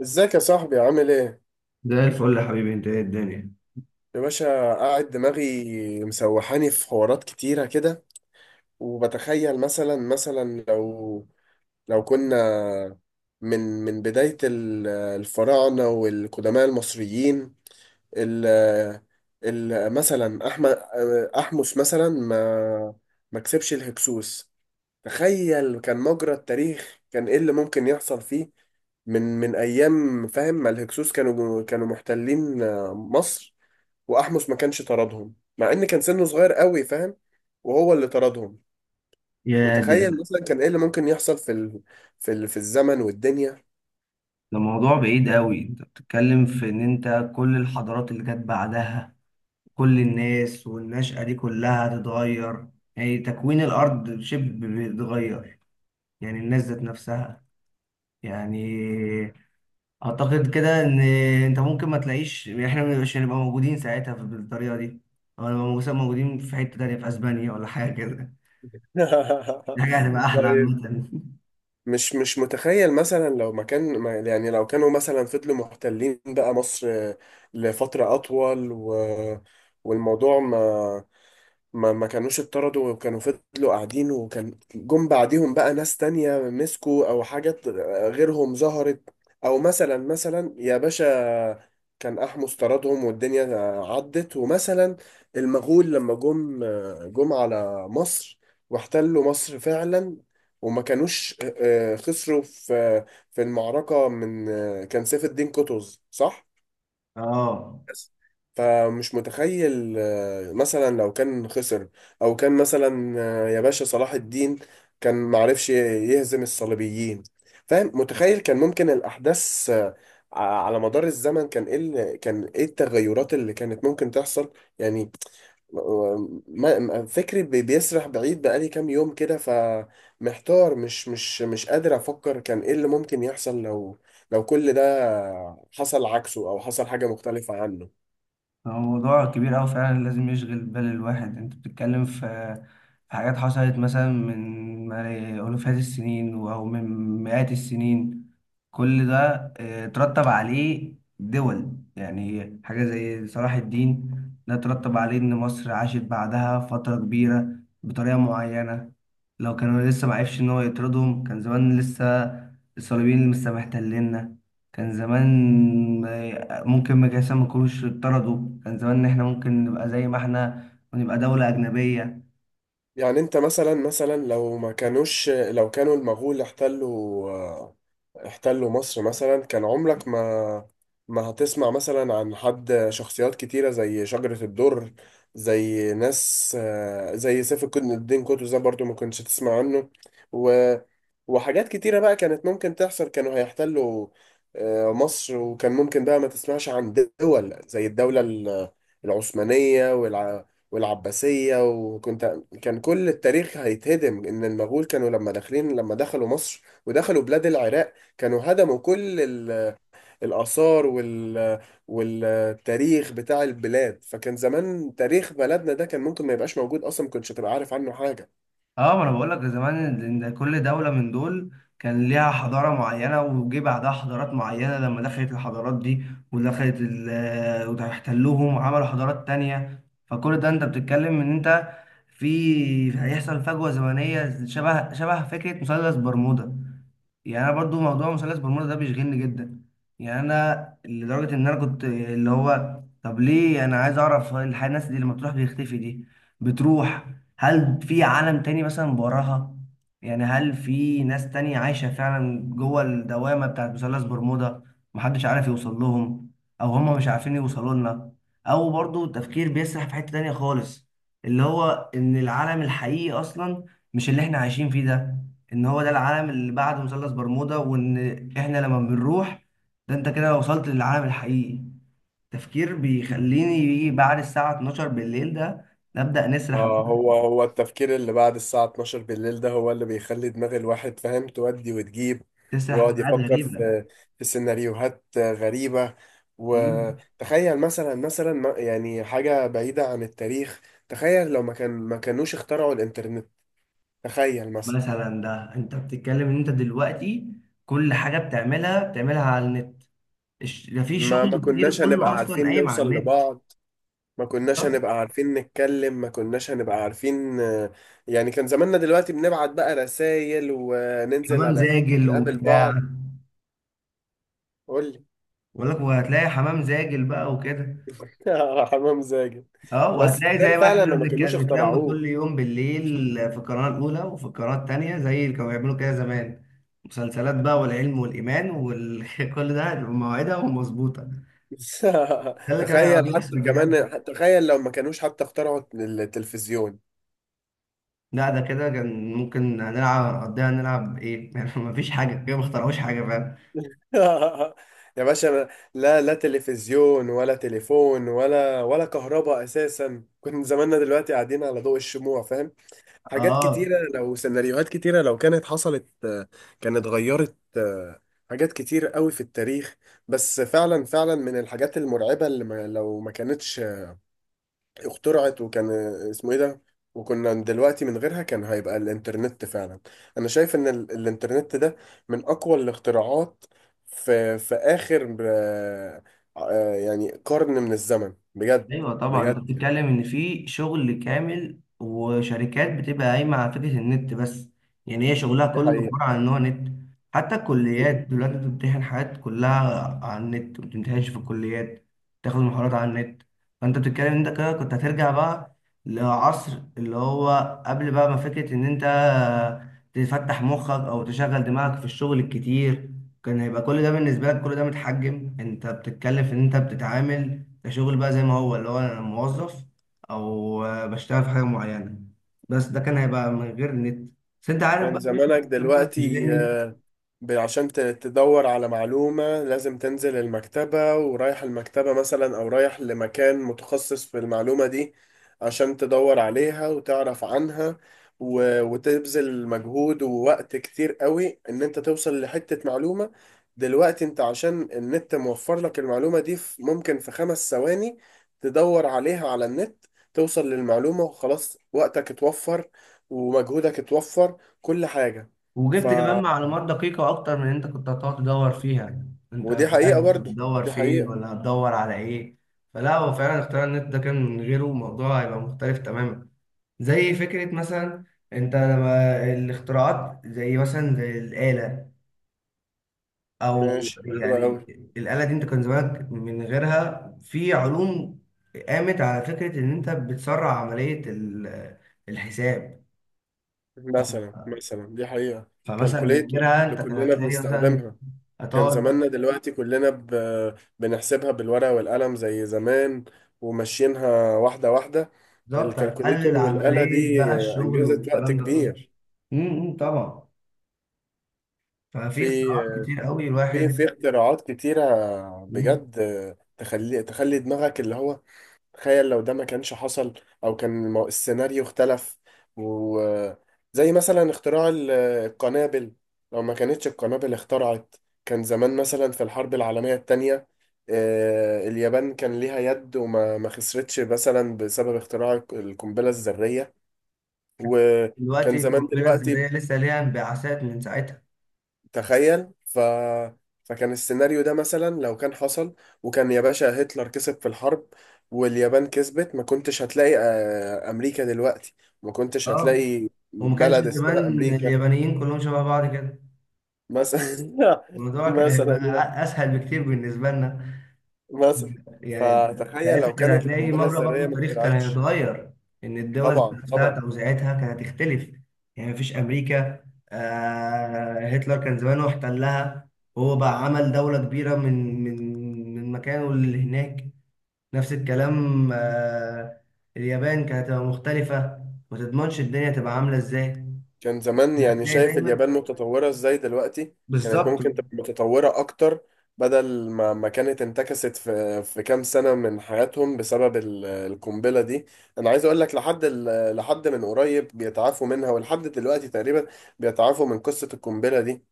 ازيك يا صاحبي عامل ايه؟ زي الفل يا حبيبي، انت ايه الدنيا؟ يا باشا، قاعد دماغي مسوحاني في حوارات كتيرة كده، وبتخيل مثلا لو كنا من بداية الفراعنة والقدماء المصريين، ال ال مثلا أحمس مثلا ما كسبش الهكسوس. تخيل كان مجرى التاريخ، كان ايه اللي ممكن يحصل فيه من أيام، فاهم؟ ما الهكسوس كانوا محتلين مصر، واحمس ما كانش طردهم، مع ان كان سنه صغير قوي، فاهم، وهو اللي طردهم. يا دي! متخيل مثلا كان ايه اللي ممكن يحصل في الزمن والدنيا؟ ده موضوع بعيد قوي. انت بتتكلم في ان انت كل الحضارات اللي جت بعدها، كل الناس والنشأة دي كلها هتتغير. يعني تكوين الارض شبه بيتغير. يعني الناس ذات نفسها، يعني اعتقد كده ان انت ممكن ما تلاقيش، يعني احنا مش هنبقى موجودين ساعتها بالطريقة دي، او نبقى موجودين في حتة تانية في اسبانيا ولا حاجة كده. دي حاجة هتبقى احلى طيب، عامة. مش متخيل مثلا لو ما كان ما- يعني لو كانوا مثلا فضلوا محتلين بقى مصر لفترة أطول، والموضوع ما كانوش اتطردوا، وكانوا فضلوا قاعدين، وكان جم بعديهم بقى ناس تانية مسكوا او حاجات غيرهم ظهرت؟ او مثلا يا باشا، كان احمس طردهم والدنيا عدت، ومثلا المغول لما جم على مصر واحتلوا مصر فعلا، وما كانوش خسروا في المعركة. من كان سيف الدين قطز، صح؟ اه. بس. فمش متخيل مثلا لو كان خسر، او كان مثلا يا باشا صلاح الدين كان معرفش يهزم الصليبيين، فاهم؟ متخيل كان ممكن الاحداث على مدار الزمن كان ايه كان ايه التغيرات اللي كانت ممكن تحصل؟ يعني فكري بيسرح بعيد بقالي كام يوم كده، فمحتار، مش قادر افكر كان ايه اللي ممكن يحصل لو كل ده حصل عكسه او حصل حاجة مختلفة عنه. هو موضوع كبير أوي فعلا، لازم يشغل بال الواحد. انت بتتكلم في حاجات حصلت مثلا من ألوفات السنين، أو من مئات السنين. كل ده ترتب عليه دول، يعني حاجة زي صلاح الدين. ده ترتب عليه إن مصر عاشت بعدها فترة كبيرة بطريقة معينة. لو كانوا لسه معرفش إن هو يطردهم، كان زمان لسه الصليبيين لسه محتليننا. كان زمان ممكن ما كانوش اتطردوا، كان زمان إن احنا ممكن نبقى زي ما احنا ونبقى دولة أجنبية. يعني انت مثلا مثلا لو ما كانوش لو كانوا المغول احتلوا مصر مثلا، كان عمرك ما هتسمع مثلا عن حد. شخصيات كتيرة زي شجرة الدر، زي ناس زي سيف الدين قطز ده برضو ما كنتش تسمع عنه. و... وحاجات كتيرة بقى كانت ممكن تحصل. كانوا هيحتلوا مصر، وكان ممكن بقى ما تسمعش عن دول زي الدولة العثمانية والعباسية. وكنت، كان كل التاريخ هيتهدم، إن المغول كانوا لما دخلوا مصر ودخلوا بلاد العراق، كانوا هدموا كل الآثار والتاريخ بتاع البلاد. فكان زمان تاريخ بلدنا ده كان ممكن ما يبقاش موجود أصلا، ما كنتش هتبقى عارف عنه حاجة. اه، ما انا بقول لك زمان إن كل دولة من دول كان ليها حضارة معينة، وجه بعدها حضارات معينة. لما دخلت الحضارات دي ودخلت واحتلوهم وعملوا حضارات تانية، فكل ده انت بتتكلم ان انت في هيحصل فجوة زمنية شبه فكرة مثلث برمودا. يعني انا برضو موضوع مثلث برمودا ده بيشغلني جدا. يعني انا لدرجه ان انا كنت اللي هو، طب ليه انا عايز اعرف الناس دي لما تروح بيختفي دي، بتروح. هل في عالم تاني مثلا وراها؟ يعني هل في ناس تانية عايشه فعلا جوه الدوامه بتاعت مثلث برمودا؟ محدش عارف يوصل لهم، او هم مش عارفين يوصلوا لنا. او برضو تفكير بيسرح في حته تانية خالص، اللي هو ان العالم الحقيقي اصلا مش اللي احنا عايشين فيه ده، ان هو ده العالم اللي بعد مثلث برمودا، وان احنا لما بنروح، ده انت كده وصلت للعالم الحقيقي. تفكير بيخليني يجي بعد الساعة 12 بالليل، ده نبدأ نسرح، هو التفكير اللي بعد الساعة 12 بالليل ده هو اللي بيخلي دماغ الواحد، فاهم، تودي وتجيب، نسرح في ويقعد حاجات يفكر غريبة. في سيناريوهات غريبة. مم. وتخيل مثلا يعني حاجة بعيدة عن التاريخ. تخيل لو ما كانوش اخترعوا الإنترنت، تخيل. مثلا، ده انت بتتكلم ان انت دلوقتي كل حاجة بتعملها على النت. ده في ما شغل كتير كناش كله هنبقى اصلا عارفين قايم على نوصل النت. لبعض، ما كناش طب. هنبقى عارفين نتكلم، ما كناش هنبقى عارفين، يعني، كان زماننا دلوقتي بنبعت بقى رسائل، وننزل حمام على زاجل نقابل وبتاع؟ بعض. قول لي. بقول لك، وهتلاقي حمام زاجل بقى وكده. حمام زاجل. اه، بس وهتلاقي تخيل زي ما فعلا احنا لما ما كانوش بنتلم اخترعوه. كل يوم بالليل في القناة الأولى وفي القناة التانية، زي اللي كانوا بيعملوا كده زمان. مسلسلات بقى والعلم والإيمان وكل ده بمواعيدها ومظبوطة. ده اللي كان تخيل حتى بيحصل بجد. كمان، تخيل لو ما كانوش حتى اخترعوا التلفزيون. لا، ده كده كان ممكن هنلعب نقضيها، نلعب ايه يعني مفيش حاجة كده، ما اخترعوش حاجة، فاهم. يا باشا، أنا لا، لا تلفزيون ولا تليفون ولا كهرباء اساسا. كنا زماننا دلوقتي قاعدين على ضوء الشموع، فاهم؟ حاجات اه. كتيره، لو سيناريوهات كتيره لو كانت حصلت كانت غيرت حاجات كتير قوي في التاريخ. بس فعلا، فعلا، من الحاجات المرعبه اللي ما لو ما كانتش اخترعت، وكان اسمه ايه ده، وكنا دلوقتي من غيرها، كان هيبقى الانترنت فعلا. انا شايف ان الانترنت ده من اقوى الاختراعات في اخر يعني قرن من الزمن، بجد. ايوه طبعا، انت بجد يعني. بتتكلم ان في شغل كامل وشركات بتبقى قايمه على فكره النت بس. يعني هي شغلها دي كله حقيقة. عباره عن ان هو نت. حتى الكليات دلوقتي بتمتحن حاجات كلها على النت، ما بتمتحنش في الكليات. تاخد محاضرات على النت. فانت بتتكلم انت كده كنت هترجع بقى لعصر اللي هو قبل بقى ما فكره ان انت تفتح مخك او تشغل دماغك في الشغل الكتير. كان هيبقى كل ده بالنسبه لك، كل ده متحجم. انت بتتكلم في ان انت بتتعامل كشغل بقى زي ما هو، اللي هو انا موظف، او بشتغل في حاجه معينه، بس ده كان هيبقى من غير نت. بس انت عارف كان بقى ايه. زمانك أنا دلوقتي، بتشغلني. عشان تدور على معلومة، لازم تنزل المكتبة، ورايح المكتبة مثلا، أو رايح لمكان متخصص في المعلومة دي عشان تدور عليها وتعرف عنها، وتبذل مجهود ووقت كتير قوي إن أنت توصل لحتة معلومة. دلوقتي أنت عشان النت موفر لك المعلومة دي، ممكن في 5 ثواني تدور عليها على النت، توصل للمعلومة وخلاص. وقتك اتوفر، ومجهودك اتوفر، كل حاجة. ف وجبت كمان معلومات دقيقه اكتر من اللي انت كنت هتقعد تدور فيها. انت ودي مش عارف حقيقة، برضو هتدور دي فين حقيقة. ولا هتدور على ايه. فلا، هو فعلا اختيار النت ده كان من غيره الموضوع هيبقى مختلف تماما. زي فكره مثلا، انت لما الاختراعات زي مثلا زي الاله، او ماشي، حلوة يعني أوي. الاله دي، انت كان زمانك من غيرها في علوم قامت على فكره ان انت بتسرع عمليه الحساب. مثلا ف- مثلا دي حقيقة. فمثلا من كالكوليتور غيرها اللي انت كان كلنا هتلاقي مثلا، بنستخدمها، كان هتقعد، زماننا دلوقتي كلنا بنحسبها بالورقة والقلم زي زمان، وماشيينها واحدة واحدة. بالظبط هتقلل الكالكوليتور والآلة عمليه دي بقى الشغل أنجزت وقت والكلام ده كله. كبير. طبعا. ففي اختراعات في كتير قوي في الواحد. في اختراعات كتيرة مم. بجد. تخلي دماغك اللي هو، تخيل لو ده ما كانش حصل، او كان السيناريو اختلف. وزي مثلا اختراع القنابل، لو ما كانتش القنابل اخترعت، كان زمان مثلا في الحرب العالمية التانية اليابان كان ليها يد، وما ما خسرتش مثلا بسبب اختراع القنبلة الذرية. دلوقتي وكان زمان القنبله الذريه دلوقتي لسه ليها انبعاثات من ساعتها. تخيل، فكان السيناريو ده مثلا لو كان حصل، وكان يا باشا هتلر كسب في الحرب واليابان كسبت، ما كنتش هتلاقي أمريكا دلوقتي، ما كنتش اه. هتلاقي وما كانش بلد اسمها زمان أمريكا. اليابانيين كلهم شبه بعض كده، مثلا. الموضوع كان مثلا هيبقى يعني. اسهل بكتير بالنسبه لنا. مثلا، يعني فتخيل ساعتها لو كان كانت هتلاقي القنبلة مجرى برضو الذرية ما التاريخ كان اخترعتش. هيتغير، ان الدول ذات طبعا، نفسها طبعا. توزيعتها كانت هتختلف. يعني مفيش امريكا، هتلر كان زمانه احتلها، هو بقى عمل دوله كبيره من مكانه اللي هناك. نفس الكلام اليابان كانت هتبقى مختلفه، ما تضمنش الدنيا تبقى عامله ازاي. كان زمان، يعني هتلاقي شايف دايما اليابان متطورة ازاي دلوقتي، كانت بالظبط. ممكن تبقى متطورة اكتر، بدل ما كانت انتكست في كام سنة من حياتهم بسبب القنبلة دي. انا عايز اقول لك لحد لحد من قريب بيتعافوا منها، ولحد دلوقتي تقريبا بيتعافوا من قصة القنبلة دي.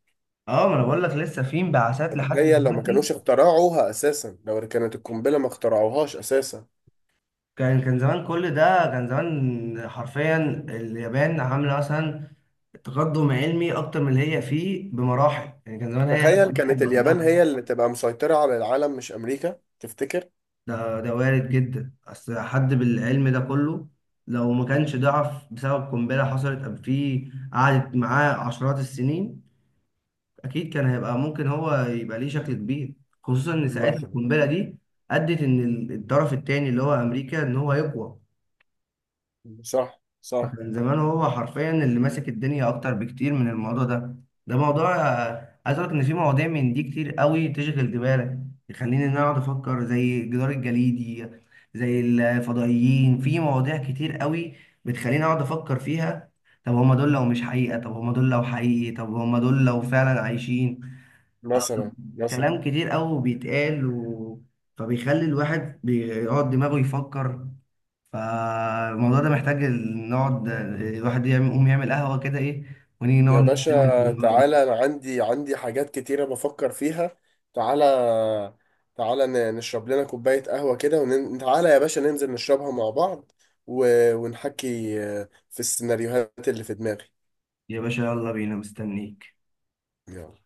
اه، ما انا بقول لك لسه في انبعاثات لحد تخيل لو ما دلوقتي. كانوش اخترعوها اساسا، لو كانت القنبلة ما اخترعوهاش اساسا، كان زمان، كل ده كان زمان حرفيا اليابان عامله مثلا تقدم علمي اكتر من اللي هي فيه بمراحل. يعني كان زمان هي تخيل، ممكن كانت اليابان لوحدها. هي اللي تبقى مسيطرة على العالم مش امريكا، تفتكر؟ ده وارد جدا، اصل حد بالعلم ده كله لو ما كانش ضعف بسبب قنبله حصلت قبل فيه قعدت معاه عشرات السنين، اكيد كان هيبقى ممكن هو يبقى ليه شكل كبير. خصوصا ان ساعتها مثلا. القنبله دي ادت ان الطرف التاني اللي هو امريكا، ان هو يقوى. صح، صح. من زمان هو حرفيا اللي ماسك الدنيا اكتر بكتير من الموضوع ده. ده موضوع عايز اقول لك ان في مواضيع من دي كتير قوي تشغل دماغك، تخليني ان انا اقعد افكر زي الجدار الجليدي، زي الفضائيين، في مواضيع كتير قوي بتخليني اقعد افكر فيها. طب هما دول لو مش حقيقة، طب هما دول لو حقيقي، طب هما دول لو فعلا عايشين؟ طب، مثلا كلام كتير قوي بيتقال فبيخلي الواحد بيقعد دماغه يفكر. فالموضوع ده محتاج نقعد الواحد يقوم يعمل قهوة كده ايه، ونيجي يا نقعد نتكلم في باشا الموضوع ده. تعالى، انا عندي حاجات كتيرة بفكر فيها. تعالى، تعالى نشرب لنا كوباية قهوة كده، وتعالى يا باشا ننزل نشربها مع بعض، و... ونحكي في السيناريوهات اللي في دماغي. يا باشا يلا بينا مستنيك. يلا.